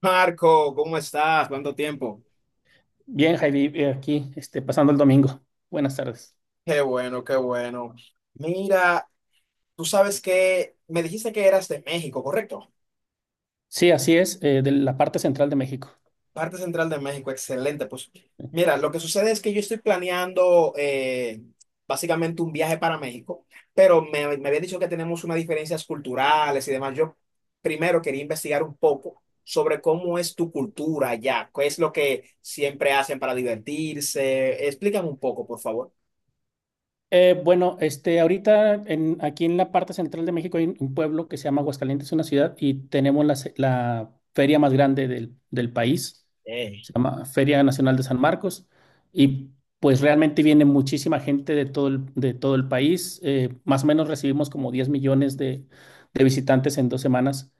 Marco, ¿cómo estás? ¿Cuánto tiempo? Bien, Javi, aquí pasando el domingo. Buenas tardes. Qué bueno, qué bueno. Mira, tú sabes que me dijiste que eras de México, ¿correcto? Sí, así es, de la parte central de México. Parte central de México, excelente. Pues mira, lo que sucede es que yo estoy planeando básicamente un viaje para México, pero me había dicho que tenemos unas diferencias culturales y demás. Yo primero quería investigar un poco sobre cómo es tu cultura allá, qué es lo que siempre hacen para divertirse. Explícame un poco, por favor. Bueno, ahorita aquí en la parte central de México hay un pueblo que se llama Aguascalientes, una ciudad, y tenemos la feria más grande del país. Eh, Se llama Feria Nacional de San Marcos. Y pues realmente viene muchísima gente de todo el país. Más o menos recibimos como 10 millones de visitantes en 2 semanas.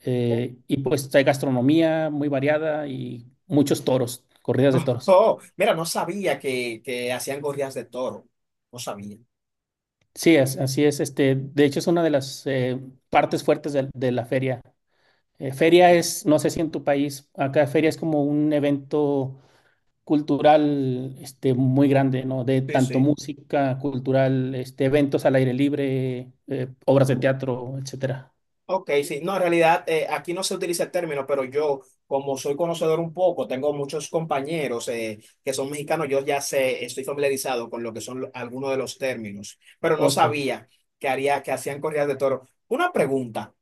Y pues hay gastronomía muy variada y muchos toros, corridas de toros. Oh, mira, no sabía que hacían corridas de toro. No sabía. Sí, así es. De hecho, es una de las partes fuertes de la feria. Eh, Ok. feria es, no sé si en tu país, acá feria es como un evento cultural muy grande, ¿no? De Sí, tanto sí. música cultural, eventos al aire libre, obras de teatro, etcétera. Ok, sí. No, en realidad aquí no se utiliza el término, pero yo, como soy conocedor un poco, tengo muchos compañeros que son mexicanos, yo ya sé, estoy familiarizado con lo que son algunos de los términos, pero no Ok. sabía que hacían corridas de toro. Una pregunta.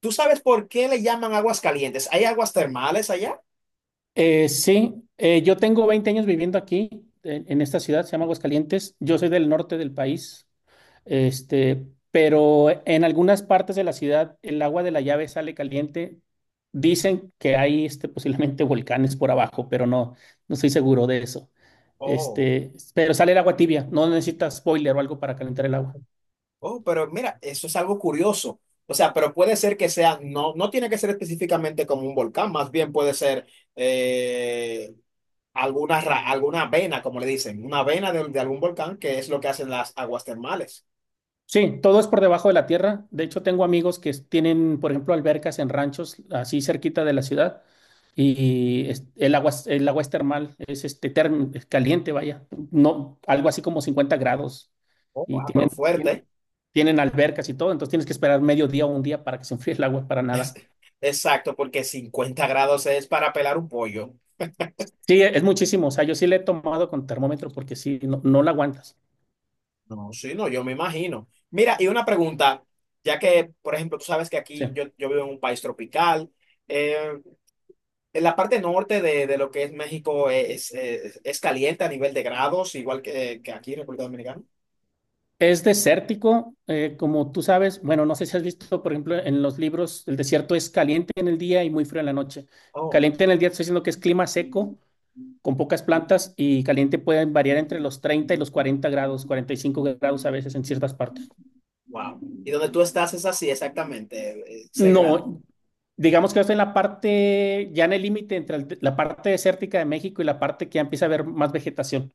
¿Tú sabes por qué le llaman aguas calientes? ¿Hay aguas termales allá? Sí, yo tengo 20 años viviendo aquí, en esta ciudad, se llama Aguascalientes. Yo soy del norte del país, pero en algunas partes de la ciudad el agua de la llave sale caliente. Dicen que hay posiblemente volcanes por abajo, pero no estoy seguro de eso. Oh, Pero sale el agua tibia, no necesitas boiler o algo para calentar el agua. oh, pero mira, eso es algo curioso. O sea, pero puede ser que sea, no, no tiene que ser específicamente como un volcán, más bien puede ser eh, alguna vena, como le dicen, una vena de algún volcán, que es lo que hacen las aguas termales. Sí, todo es por debajo de la tierra. De hecho, tengo amigos que tienen, por ejemplo, albercas en ranchos así cerquita de la ciudad y el agua es termal, es caliente, vaya, no, algo así como 50 grados Oh, y ah, pero tienen, tien- fuerte. tienen albercas y todo, entonces tienes que esperar medio día o un día para que se enfríe el agua para Es- nadar. Exacto, porque 50 grados es para pelar un pollo. Sí, es muchísimo, o sea, yo sí le he tomado con termómetro porque sí, no, no la aguantas. No, sí, no, yo me imagino. Mira, y una pregunta, ya que, por ejemplo, tú sabes que aquí Sí. yo vivo en un país tropical, eh, en la parte norte de lo que es México es caliente a nivel de grados, igual que aquí en República Dominicana. Es desértico, como tú sabes. Bueno, no sé si has visto, por ejemplo, en los libros, el desierto es caliente en el día y muy frío en la noche. Oh, Caliente en el día, te estoy diciendo que es clima seco, con pocas plantas, y caliente puede variar entre los 30 y los 40 grados, 45 grados a veces en ciertas partes. wow. ¿Y donde tú estás es así exactamente, ese grado? No, digamos que estoy en la parte, ya en el límite entre la parte desértica de México y la parte que ya empieza a haber más vegetación.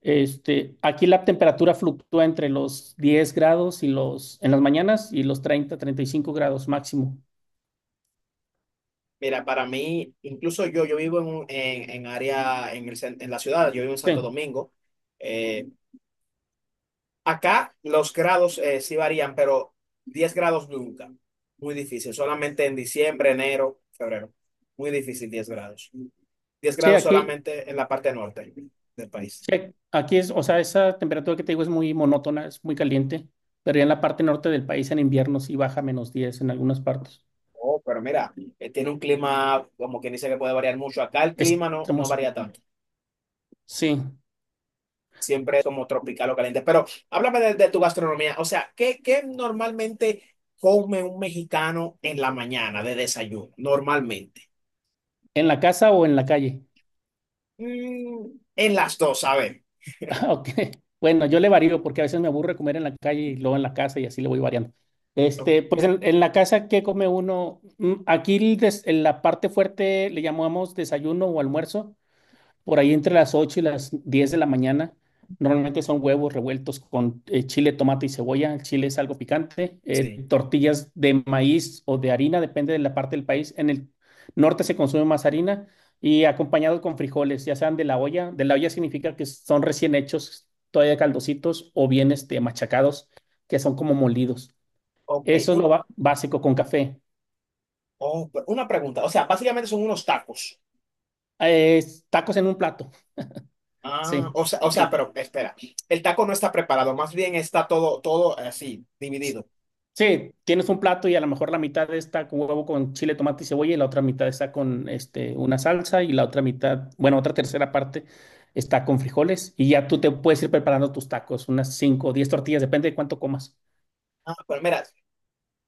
Aquí la temperatura fluctúa entre los 10 grados y en las mañanas y los 30, 35 grados máximo. Mira, para mí, incluso yo vivo en área, en la ciudad, yo vivo en Sí, Santo Domingo. Eh, acá los grados sí varían, pero 10 grados nunca. Muy difícil, solamente en diciembre, enero, febrero. Muy difícil 10 grados. 10 sí, grados aquí, solamente en la parte norte del país. sí, aquí es, o sea, esa temperatura que te digo es muy monótona, es muy caliente, pero ya en la parte norte del país en invierno sí baja a -10 en algunas partes. Oh, pero mira, tiene un clima, como quien dice que puede variar mucho. Acá el Es clima no hermoso. varía tanto. Sí, Siempre como tropical o caliente. Pero háblame de tu gastronomía. O sea, ¿qué normalmente come un mexicano en la mañana de desayuno? Normalmente. en la casa o en la calle. Mm, en las dos, a ver. Ok. Bueno, yo le varío porque a veces me aburre comer en la calle y luego en la casa y así le voy variando. Ok, Pues en la casa, ¿qué come uno? Aquí en la parte fuerte le llamamos desayuno o almuerzo, por ahí entre las 8 y las 10 de la mañana, normalmente son huevos revueltos con chile, tomate y cebolla. El chile es algo picante. eh, sí. tortillas de maíz o de harina, depende de la parte del país. En el norte se consume más harina y acompañado con frijoles, ya sean de la olla. De la olla significa que son recién hechos, todavía caldositos o bien machacados, que son como molidos. Ok. Eso es Un- lo básico con café. oh, pero una pregunta. O sea, básicamente son unos tacos. Eh, tacos en un plato, Ah, sí. o sea, Sí. pero espera. El taco no está preparado, más bien está todo, todo así, dividido. Sí, tienes un plato y a lo mejor la mitad está con huevo con chile, tomate y cebolla y la otra mitad está con una salsa y la otra mitad, bueno, otra tercera parte está con frijoles y ya tú te puedes ir preparando tus tacos, unas 5 o 10 tortillas, depende de cuánto comas. Ah, pues mira.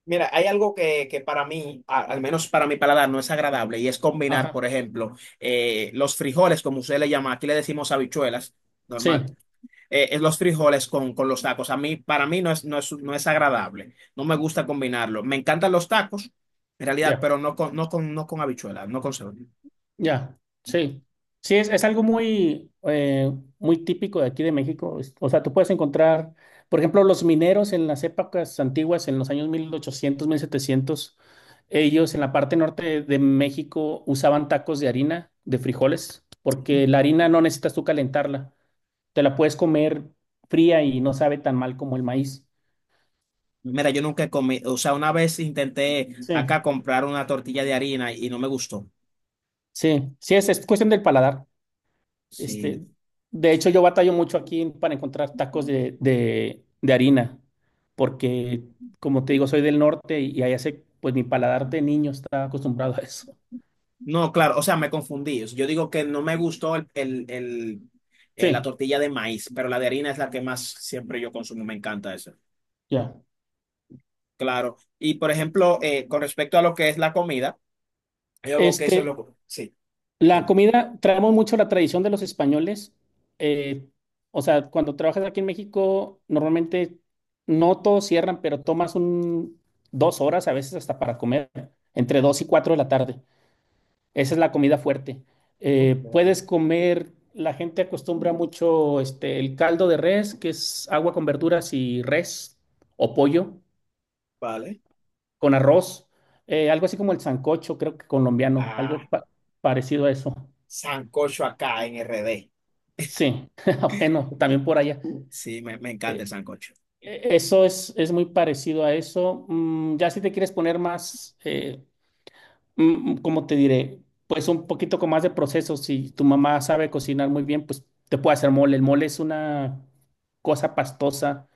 Mira, hay algo que para mí, al menos para mi paladar, no es agradable y es combinar, Ajá, por ejemplo, los frijoles, como usted le llama, aquí le decimos habichuelas, sí, normal, es los frijoles con los tacos. A mí, para mí no es agradable, no me gusta combinarlo. Me encantan los tacos, en realidad, ya. pero no con habichuelas, no con cebolla. Ya, sí. Sí, es algo muy típico de aquí de México. O sea, tú puedes encontrar, por ejemplo, los mineros en las épocas antiguas, en los años 1800 1700, ellos en la parte norte de México usaban tacos de harina, de frijoles, porque la harina no necesitas tú calentarla. Te la puedes comer fría y no sabe tan mal como el maíz. Mira, yo nunca comí, o sea, una vez intenté Sí, acá comprar una tortilla de harina y no me gustó. sí, sí, es cuestión del paladar. Sí. Este, de hecho, yo batallo mucho aquí para encontrar tacos de harina, porque como te digo, soy del norte y ahí hace, pues mi paladar de niño está acostumbrado a eso. No, claro, o sea, me confundí. Yo digo que no me gustó la Sí, tortilla de maíz, pero la de harina es la que más siempre yo consumo, me encanta eso. ya. Claro, y por ejemplo, con respecto a lo que es la comida, yo veo que eso es Este, lo. Sí, la dime. comida, traemos mucho la tradición de los españoles. eh, o sea, cuando trabajas aquí en México, normalmente no todos cierran, pero tomas 2 horas, a veces hasta para comer, entre 2 y 4 de la tarde. Esa es la comida fuerte. Eh, Ok. puedes comer, la gente acostumbra mucho el caldo de res, que es agua con verduras y res o pollo Vale. con arroz, algo así como el sancocho, creo que colombiano, Ah, algo parecido a eso. sancocho acá en RD. Sí, bueno, también por allá. Sí, me encanta Eh, el sancocho. eso es muy parecido a eso. Ya si te quieres poner más, ¿cómo te diré? Pues un poquito con más de proceso. Si tu mamá sabe cocinar muy bien, pues te puede hacer mole. El mole es una cosa pastosa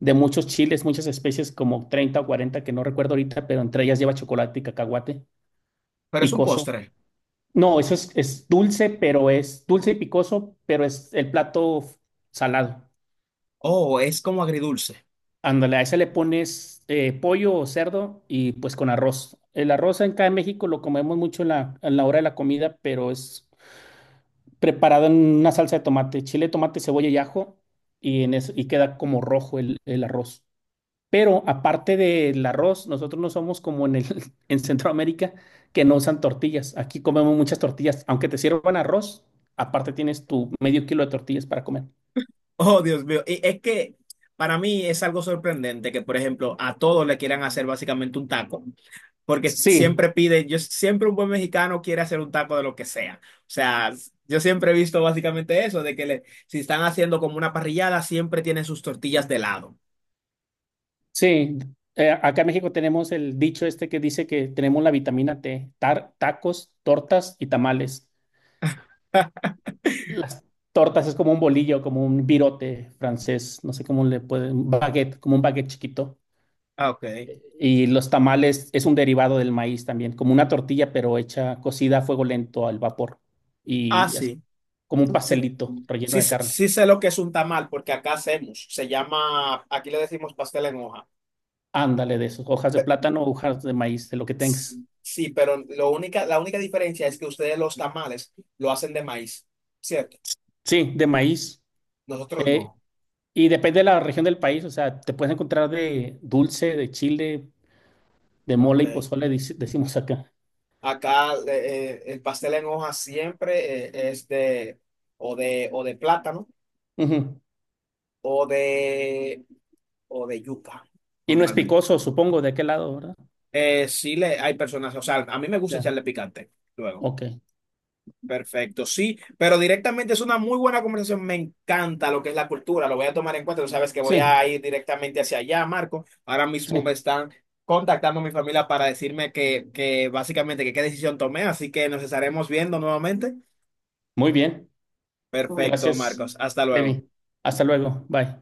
de muchos chiles, muchas especies, como 30 o 40 que no recuerdo ahorita, pero entre ellas lleva chocolate y cacahuate Pero es un picoso. postre. No, eso es dulce, pero es dulce y picoso, pero es el plato salado. Oh, es como agridulce. Ándale, a ese le pones pollo o cerdo y pues con arroz. El arroz acá en México lo comemos mucho en la, hora de la comida, pero es preparado en una salsa de tomate, chile, tomate, cebolla y ajo, en eso, y queda como rojo el arroz. Pero aparte del arroz, nosotros no somos como en Centroamérica que no usan tortillas. Aquí comemos muchas tortillas. Aunque te sirvan arroz, aparte tienes tu medio kilo de tortillas para comer. Oh, Dios mío. Y es que para mí es algo sorprendente que, por ejemplo, a todos le quieran hacer básicamente un taco, porque Sí, siempre yo siempre un buen mexicano quiere hacer un taco de lo que sea. O sea, yo siempre he visto básicamente eso, de que le, si están haciendo como una parrillada, siempre tienen sus tortillas de lado. sí. Acá en México tenemos el dicho este que dice que tenemos la vitamina T, tacos, tortas y tamales. Las tortas es como un bolillo, como un virote francés, no sé cómo le pueden, baguette, como un baguette chiquito. Ah, ok. Y los tamales es un derivado del maíz también, como una tortilla, pero hecha cocida a fuego lento al vapor. Ah, Y así, sí. como un Sí, pastelito relleno sí, de carne. sí sé lo que es un tamal, porque acá hacemos, se llama, aquí le decimos pastel en hoja. Ándale de esos, hojas de plátano, hojas de maíz, de lo que tengas. Sí, sí, pero la única diferencia es que ustedes los tamales lo hacen de maíz, ¿cierto? Sí, de maíz. Nosotros Eh, no. y depende de la región del país, o sea, te puedes encontrar de dulce, de chile, de mole y Ok. pozole, decimos acá. Acá el pastel en hoja siempre es de o de plátano Ujú. o de o de yuca Y no es normalmente. picoso, supongo, de aquel lado, ¿verdad? Sí le hay personas, o sea, a mí me gusta Ya, echarle picante luego. ok. Perfecto, sí, pero directamente es una muy buena conversación. Me encanta lo que es la cultura, lo voy a tomar en cuenta. Tú sabes que voy Sí, a ir directamente hacia allá, Marco. Ahora mismo me sí. están contactando mi familia para decirme que básicamente que qué decisión tomé, así que nos estaremos viendo nuevamente. Muy bien. Perfecto, Gracias, Marcos. Hasta luego. Levi. Hasta luego. Bye.